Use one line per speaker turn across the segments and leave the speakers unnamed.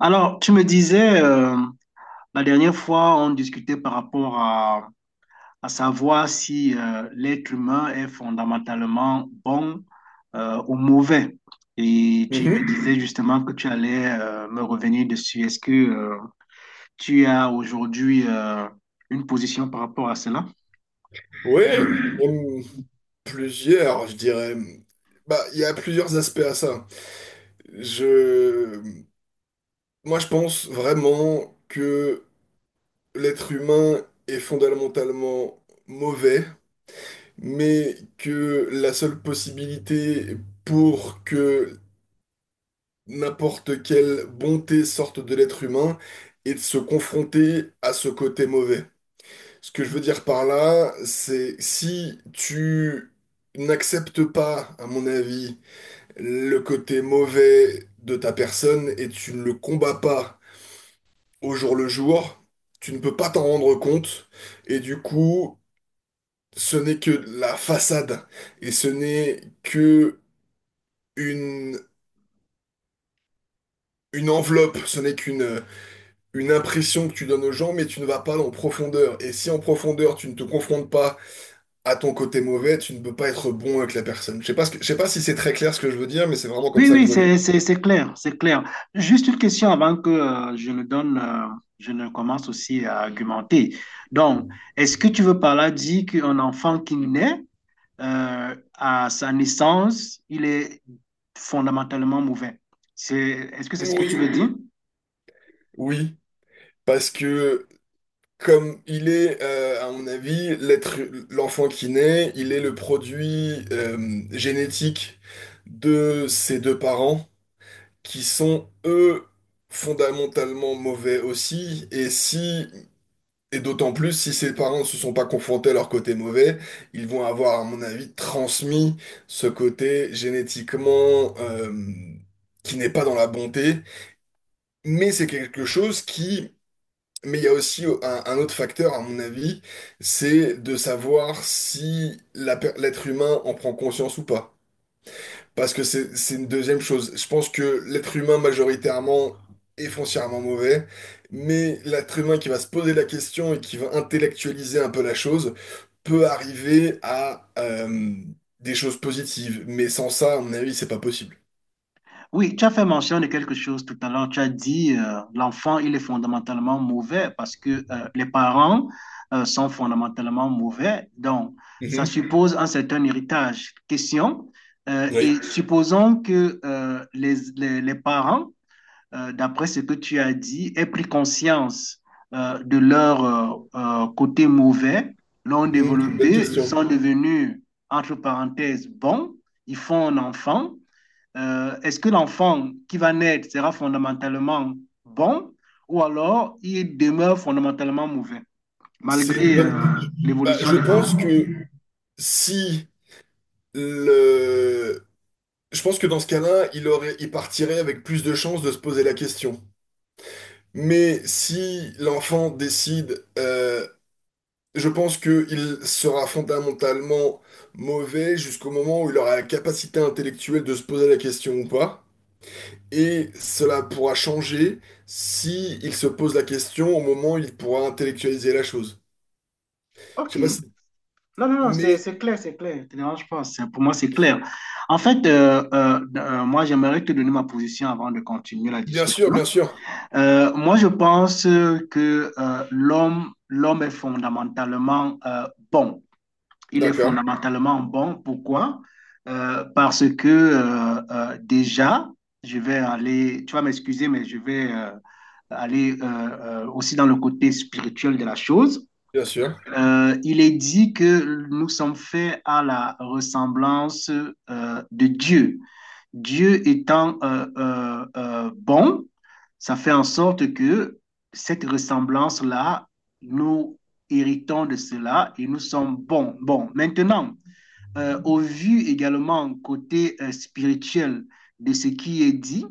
Alors, tu me disais, la dernière fois, on discutait par rapport à savoir si l'être humain est fondamentalement bon ou mauvais. Et tu me disais justement que tu allais me revenir dessus. Est-ce que tu as aujourd'hui une position par rapport à cela?
Oui, même plusieurs, je dirais. Bah, il y a plusieurs aspects à ça. Je, moi, je pense vraiment que l'être humain est fondamentalement mauvais, mais que la seule possibilité pour que n'importe quelle bonté sorte de l'être humain est de se confronter à ce côté mauvais. Ce que je veux dire par là, c'est si tu n'acceptes pas, à mon avis, le côté mauvais de ta personne et tu ne le combats pas au jour le jour, tu ne peux pas t'en rendre compte et du coup, ce n'est que la façade et ce n'est que une, une enveloppe, ce n'est qu'une une impression que tu donnes aux gens, mais tu ne vas pas en profondeur. Et si en profondeur, tu ne te confrontes pas à ton côté mauvais, tu ne peux pas être bon avec la personne. Je sais pas si c'est très clair ce que je veux dire, mais c'est vraiment comme
Oui,
ça que je
oui,
vois les...
c'est clair, c'est clair. Juste une question avant que je ne donne, je ne commence aussi à argumenter. Donc, est-ce que tu veux par là dire qu'un enfant qui naît, à sa naissance, il est fondamentalement mauvais? C'est, est-ce que c'est ce que tu
Oui.
veux dire?
Oui, parce que comme il est, à mon avis, l'enfant qui naît, il est le produit génétique de ses deux parents qui sont, eux, fondamentalement mauvais aussi. Et d'autant plus si ses parents ne se sont pas confrontés à leur côté mauvais, ils vont avoir, à mon avis, transmis ce côté génétiquement qui n'est pas dans la bonté. Mais c'est quelque chose qui... Mais il y a aussi un autre facteur, à mon avis, c'est de savoir si l'être humain en prend conscience ou pas. Parce que c'est une deuxième chose. Je pense que l'être humain majoritairement est foncièrement mauvais, mais l'être humain qui va se poser la question et qui va intellectualiser un peu la chose peut arriver à des choses positives. Mais sans ça, à mon avis, c'est pas possible.
Oui, tu as fait mention de quelque chose tout à l'heure. Tu as dit l'enfant, il est fondamentalement mauvais parce que les parents sont fondamentalement mauvais. Donc, ça
Mhm.
suppose un certain héritage. Question.
Oui.
Et supposons que les parents, d'après ce que tu as dit, aient pris conscience de leur côté mauvais, l'ont
Mmh, c'est une bonne
développé,
question.
sont devenus, entre parenthèses, bons, ils font un enfant. Est-ce que l'enfant qui va naître sera fondamentalement bon ou alors il demeure fondamentalement mauvais,
C'est une
malgré
bonne. Bah,
l'évolution
je
des
pense
parents?
que si le, je pense que dans ce cas-là, il partirait avec plus de chances de se poser la question. Mais si l'enfant décide, je pense qu'il sera fondamentalement mauvais jusqu'au moment où il aura la capacité intellectuelle de se poser la question ou pas. Et cela pourra changer si il se pose la question au moment où il pourra intellectualiser la chose. Je
Ok.
sais pas si...
Non, non, non, c'est
Mais
c'est clair, c'est clair. Ne te dérange pas. Pour moi, c'est clair. En fait, moi, j'aimerais te donner ma position avant de continuer la
bien sûr,
discussion.
bien sûr.
Moi, je pense que l'homme est fondamentalement bon. Il est
D'accord,
fondamentalement bon. Pourquoi? Parce que déjà, je vais aller, tu vas m'excuser, mais je vais aller aussi dans le côté spirituel de la chose.
bien sûr.
Il est dit que nous sommes faits à la ressemblance de Dieu. Dieu étant bon, ça fait en sorte que cette ressemblance-là, nous héritons de cela et nous sommes bons. Bon, maintenant, au vu également côté spirituel de ce qui est dit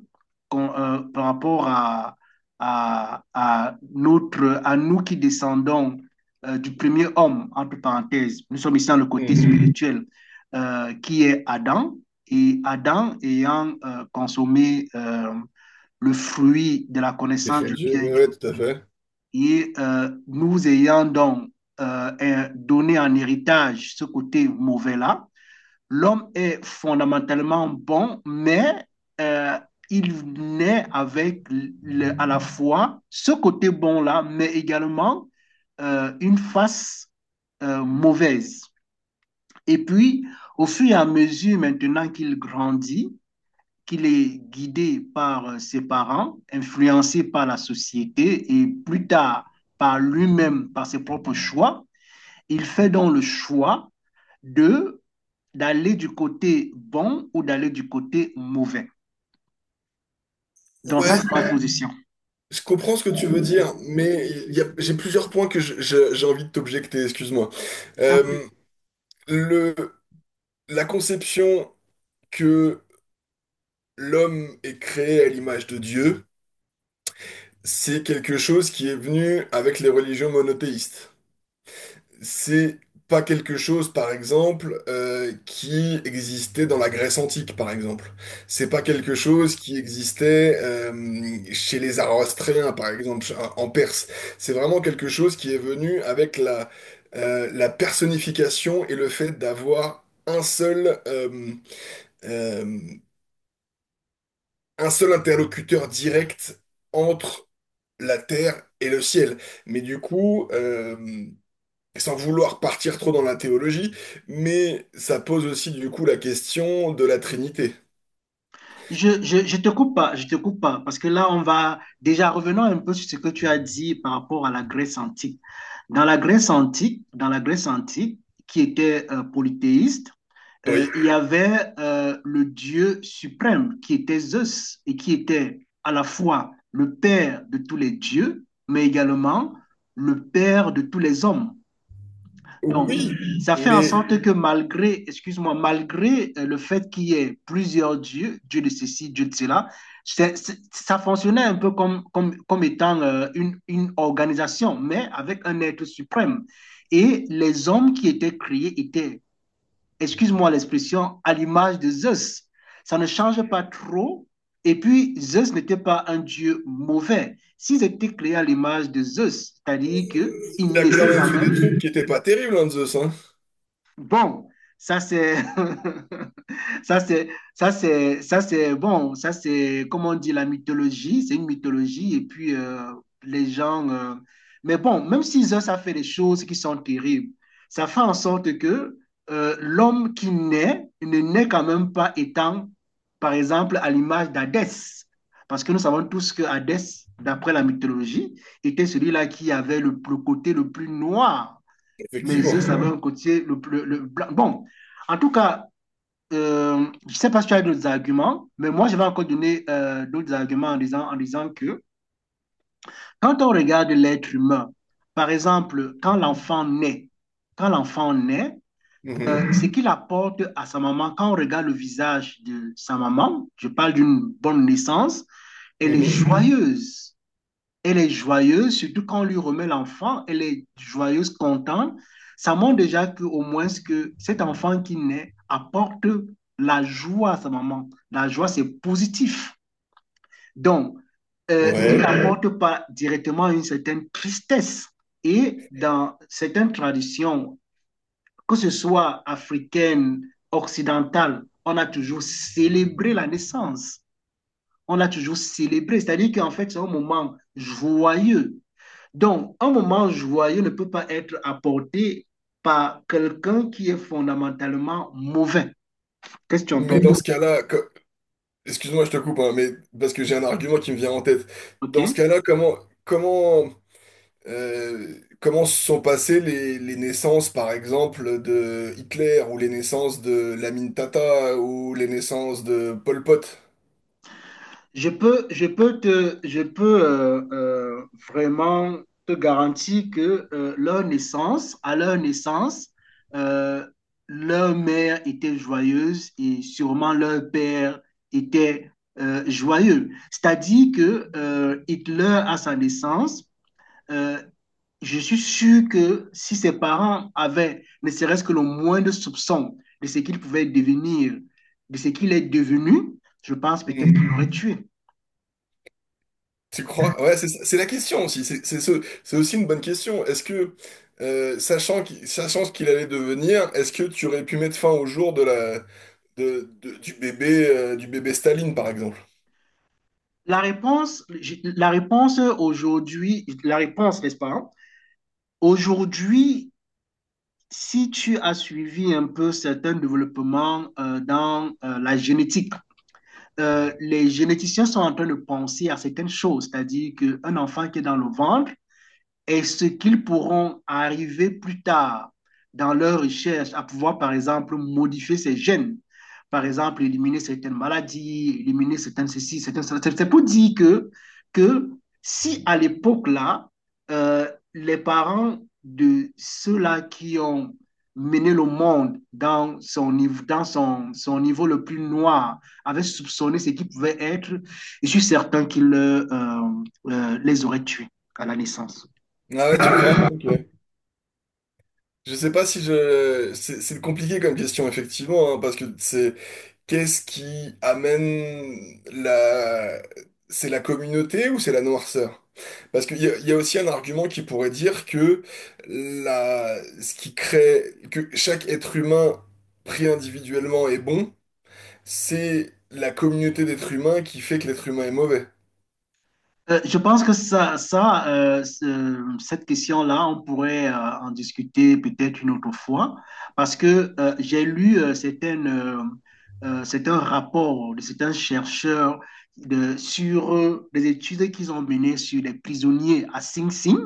par rapport à nous qui descendons du premier homme, entre parenthèses, nous sommes ici dans le côté
Mhm.
spirituel qui est Adam, et Adam ayant consommé le fruit de la connaissance du
Défendu,
bien et
ouais,
du
ouais,
mal,
tout à fait.
et nous ayant donc euh, donné en héritage ce côté mauvais-là, l'homme est fondamentalement bon, mais euh, il naît avec à la fois ce côté bon-là, mais également une face mauvaise. Et puis, au fur et à mesure maintenant qu'il grandit, qu'il est guidé par ses parents, influencé par la société et plus tard par lui-même, par ses propres choix, il fait donc le choix de d'aller du côté bon ou d'aller du côté mauvais. Donc ça,
Ouais,
c'est ma position.
je comprends ce que tu veux dire, mais j'ai plusieurs points que j'ai envie de t'objecter, excuse-moi. Euh, le, la conception que l'homme est créé à l'image de Dieu, c'est quelque chose qui est venu avec les religions monothéistes. C'est pas quelque chose, par exemple, qui existait dans la Grèce antique, par exemple. C'est pas quelque chose qui existait chez les Zoroastriens, par exemple, en Perse. C'est vraiment quelque chose qui est venu avec la personnification et le fait d'avoir euh, un seul interlocuteur direct entre la terre et le ciel. Mais du coup, sans vouloir partir trop dans la théologie, mais ça pose aussi du coup la question de la Trinité.
Je te coupe pas, je te coupe pas, parce que là, on va déjà revenons un peu sur ce que tu as dit par rapport à la Grèce antique. Dans la Grèce antique, qui était polythéiste,
Oui,
il y avait le dieu suprême qui était Zeus et qui était à la fois le père de tous les dieux, mais également le père de tous les hommes. Donc,
oui,
ça fait en
mais
sorte que malgré, excuse-moi, malgré le fait qu'il y ait plusieurs dieux, Dieu de ceci, Dieu de cela, ça fonctionnait un peu comme étant une organisation, mais avec un être suprême. Et les hommes qui étaient créés étaient, excuse-moi l'expression, à l'image de Zeus. Ça ne change pas trop. Et puis, Zeus n'était pas un dieu mauvais. S'ils étaient créés à l'image de Zeus, c'est-à-dire
il
qu'ils
a quand
naissaient
même
quand
fait des trucs
même.
qui étaient pas terribles, hein, Zeus, hein.
Bon, ça c'est ça c'est ça c'est ça c'est bon, ça c'est comment on dit la mythologie, c'est une mythologie et puis les gens mais bon, même s'ils ont ça fait des choses qui sont terribles, ça fait en sorte que l'homme qui naît ne naît quand même pas étant par exemple à l'image d'Hadès parce que nous savons tous que Hadès d'après la mythologie était celui-là qui avait le côté le plus noir, mais eux,
Effectivement.
ça avait un côté. Bon, en tout cas, je ne sais pas si tu as d'autres arguments, mais moi, je vais encore donner d'autres arguments en disant que quand on regarde l'être humain, par exemple, quand l'enfant naît,
Mhm,
ce qu'il apporte à sa maman, quand on regarde le visage de sa maman, je parle d'une bonne naissance, elle est
mhm.
joyeuse. Elle est joyeuse, surtout quand on lui remet l'enfant, elle est joyeuse, contente. Ça montre déjà que, au moins que cet enfant qui naît apporte la joie à sa maman. La joie, c'est positif. Donc, il
Ouais.
n'apporte pas directement une certaine tristesse. Et dans certaines traditions, que ce soit africaine, occidentale, on a toujours célébré la naissance. On a toujours célébré. C'est-à-dire qu'en fait, c'est un moment joyeux. Donc, un moment joyeux ne peut pas être apporté par quelqu'un qui est fondamentalement mauvais. Qu'est-ce que tu en
Mais
penses?
dans ce cas-là, excuse-moi, je te coupe, hein, mais parce que j'ai un argument qui me vient en tête.
OK?
Dans ce cas-là, comment, comment se sont passées les naissances, par exemple, de Hitler ou les naissances de Lamine Tata ou les naissances de Pol Pot?
Je peux vraiment te garantir que à leur naissance, euh, leur mère était joyeuse et sûrement leur père était joyeux. C'est-à-dire que Hitler, à sa naissance, euh, je suis sûr que si ses parents avaient ne serait-ce que le moindre soupçon de ce qu'il pouvait devenir, de ce qu'il est devenu, je pense peut-être qu'il
Hmm.
l'aurait tué.
Tu crois? C'est la question aussi. C'est aussi une bonne question. Sachant qu'il sachant ce qu'il allait devenir, est-ce que tu aurais pu mettre fin au jour de du bébé Staline, par exemple?
La réponse, la réponse aujourd'hui, la réponse, n'est-ce pas? Hein, aujourd'hui, si tu as suivi un peu certains développements dans la génétique, les généticiens sont en train de penser à certaines choses, c'est-à-dire qu'un enfant qui est dans le ventre, et ce qu'ils pourront arriver plus tard dans leur recherche à pouvoir, par exemple, modifier ces gènes. Par exemple, éliminer certaines maladies, éliminer certaines ceci, certaines cela. C'est pour dire que, que si à l'époque-là, euh, les parents de ceux-là qui ont mené le monde dans son niveau, son niveau le plus noir, avaient soupçonné ce qui pouvait être, je suis certain qu'ils les auraient tués à la naissance.
Ah ouais, tu crois? Ok. Je sais pas si je. C'est compliqué comme question, effectivement, hein, parce que c'est. Qu'est-ce qui amène la... C'est la communauté ou c'est la noirceur? Parce qu'il y a aussi un argument qui pourrait dire que la... ce qui crée, que chaque être humain pris individuellement est bon, c'est la communauté d'êtres humains qui fait que l'être humain est mauvais.
Je pense que cette question-là, on pourrait en discuter peut-être une autre fois, parce que j'ai lu, c'est un de certains chercheurs sur les études qu'ils ont menées sur les prisonniers à Sing Sing.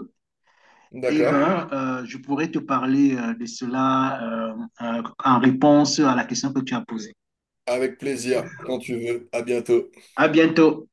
Eh
D'accord?
ben, je pourrais te parler de cela en réponse à la question que tu as posée.
Avec plaisir, quand tu veux. À bientôt.
À bientôt.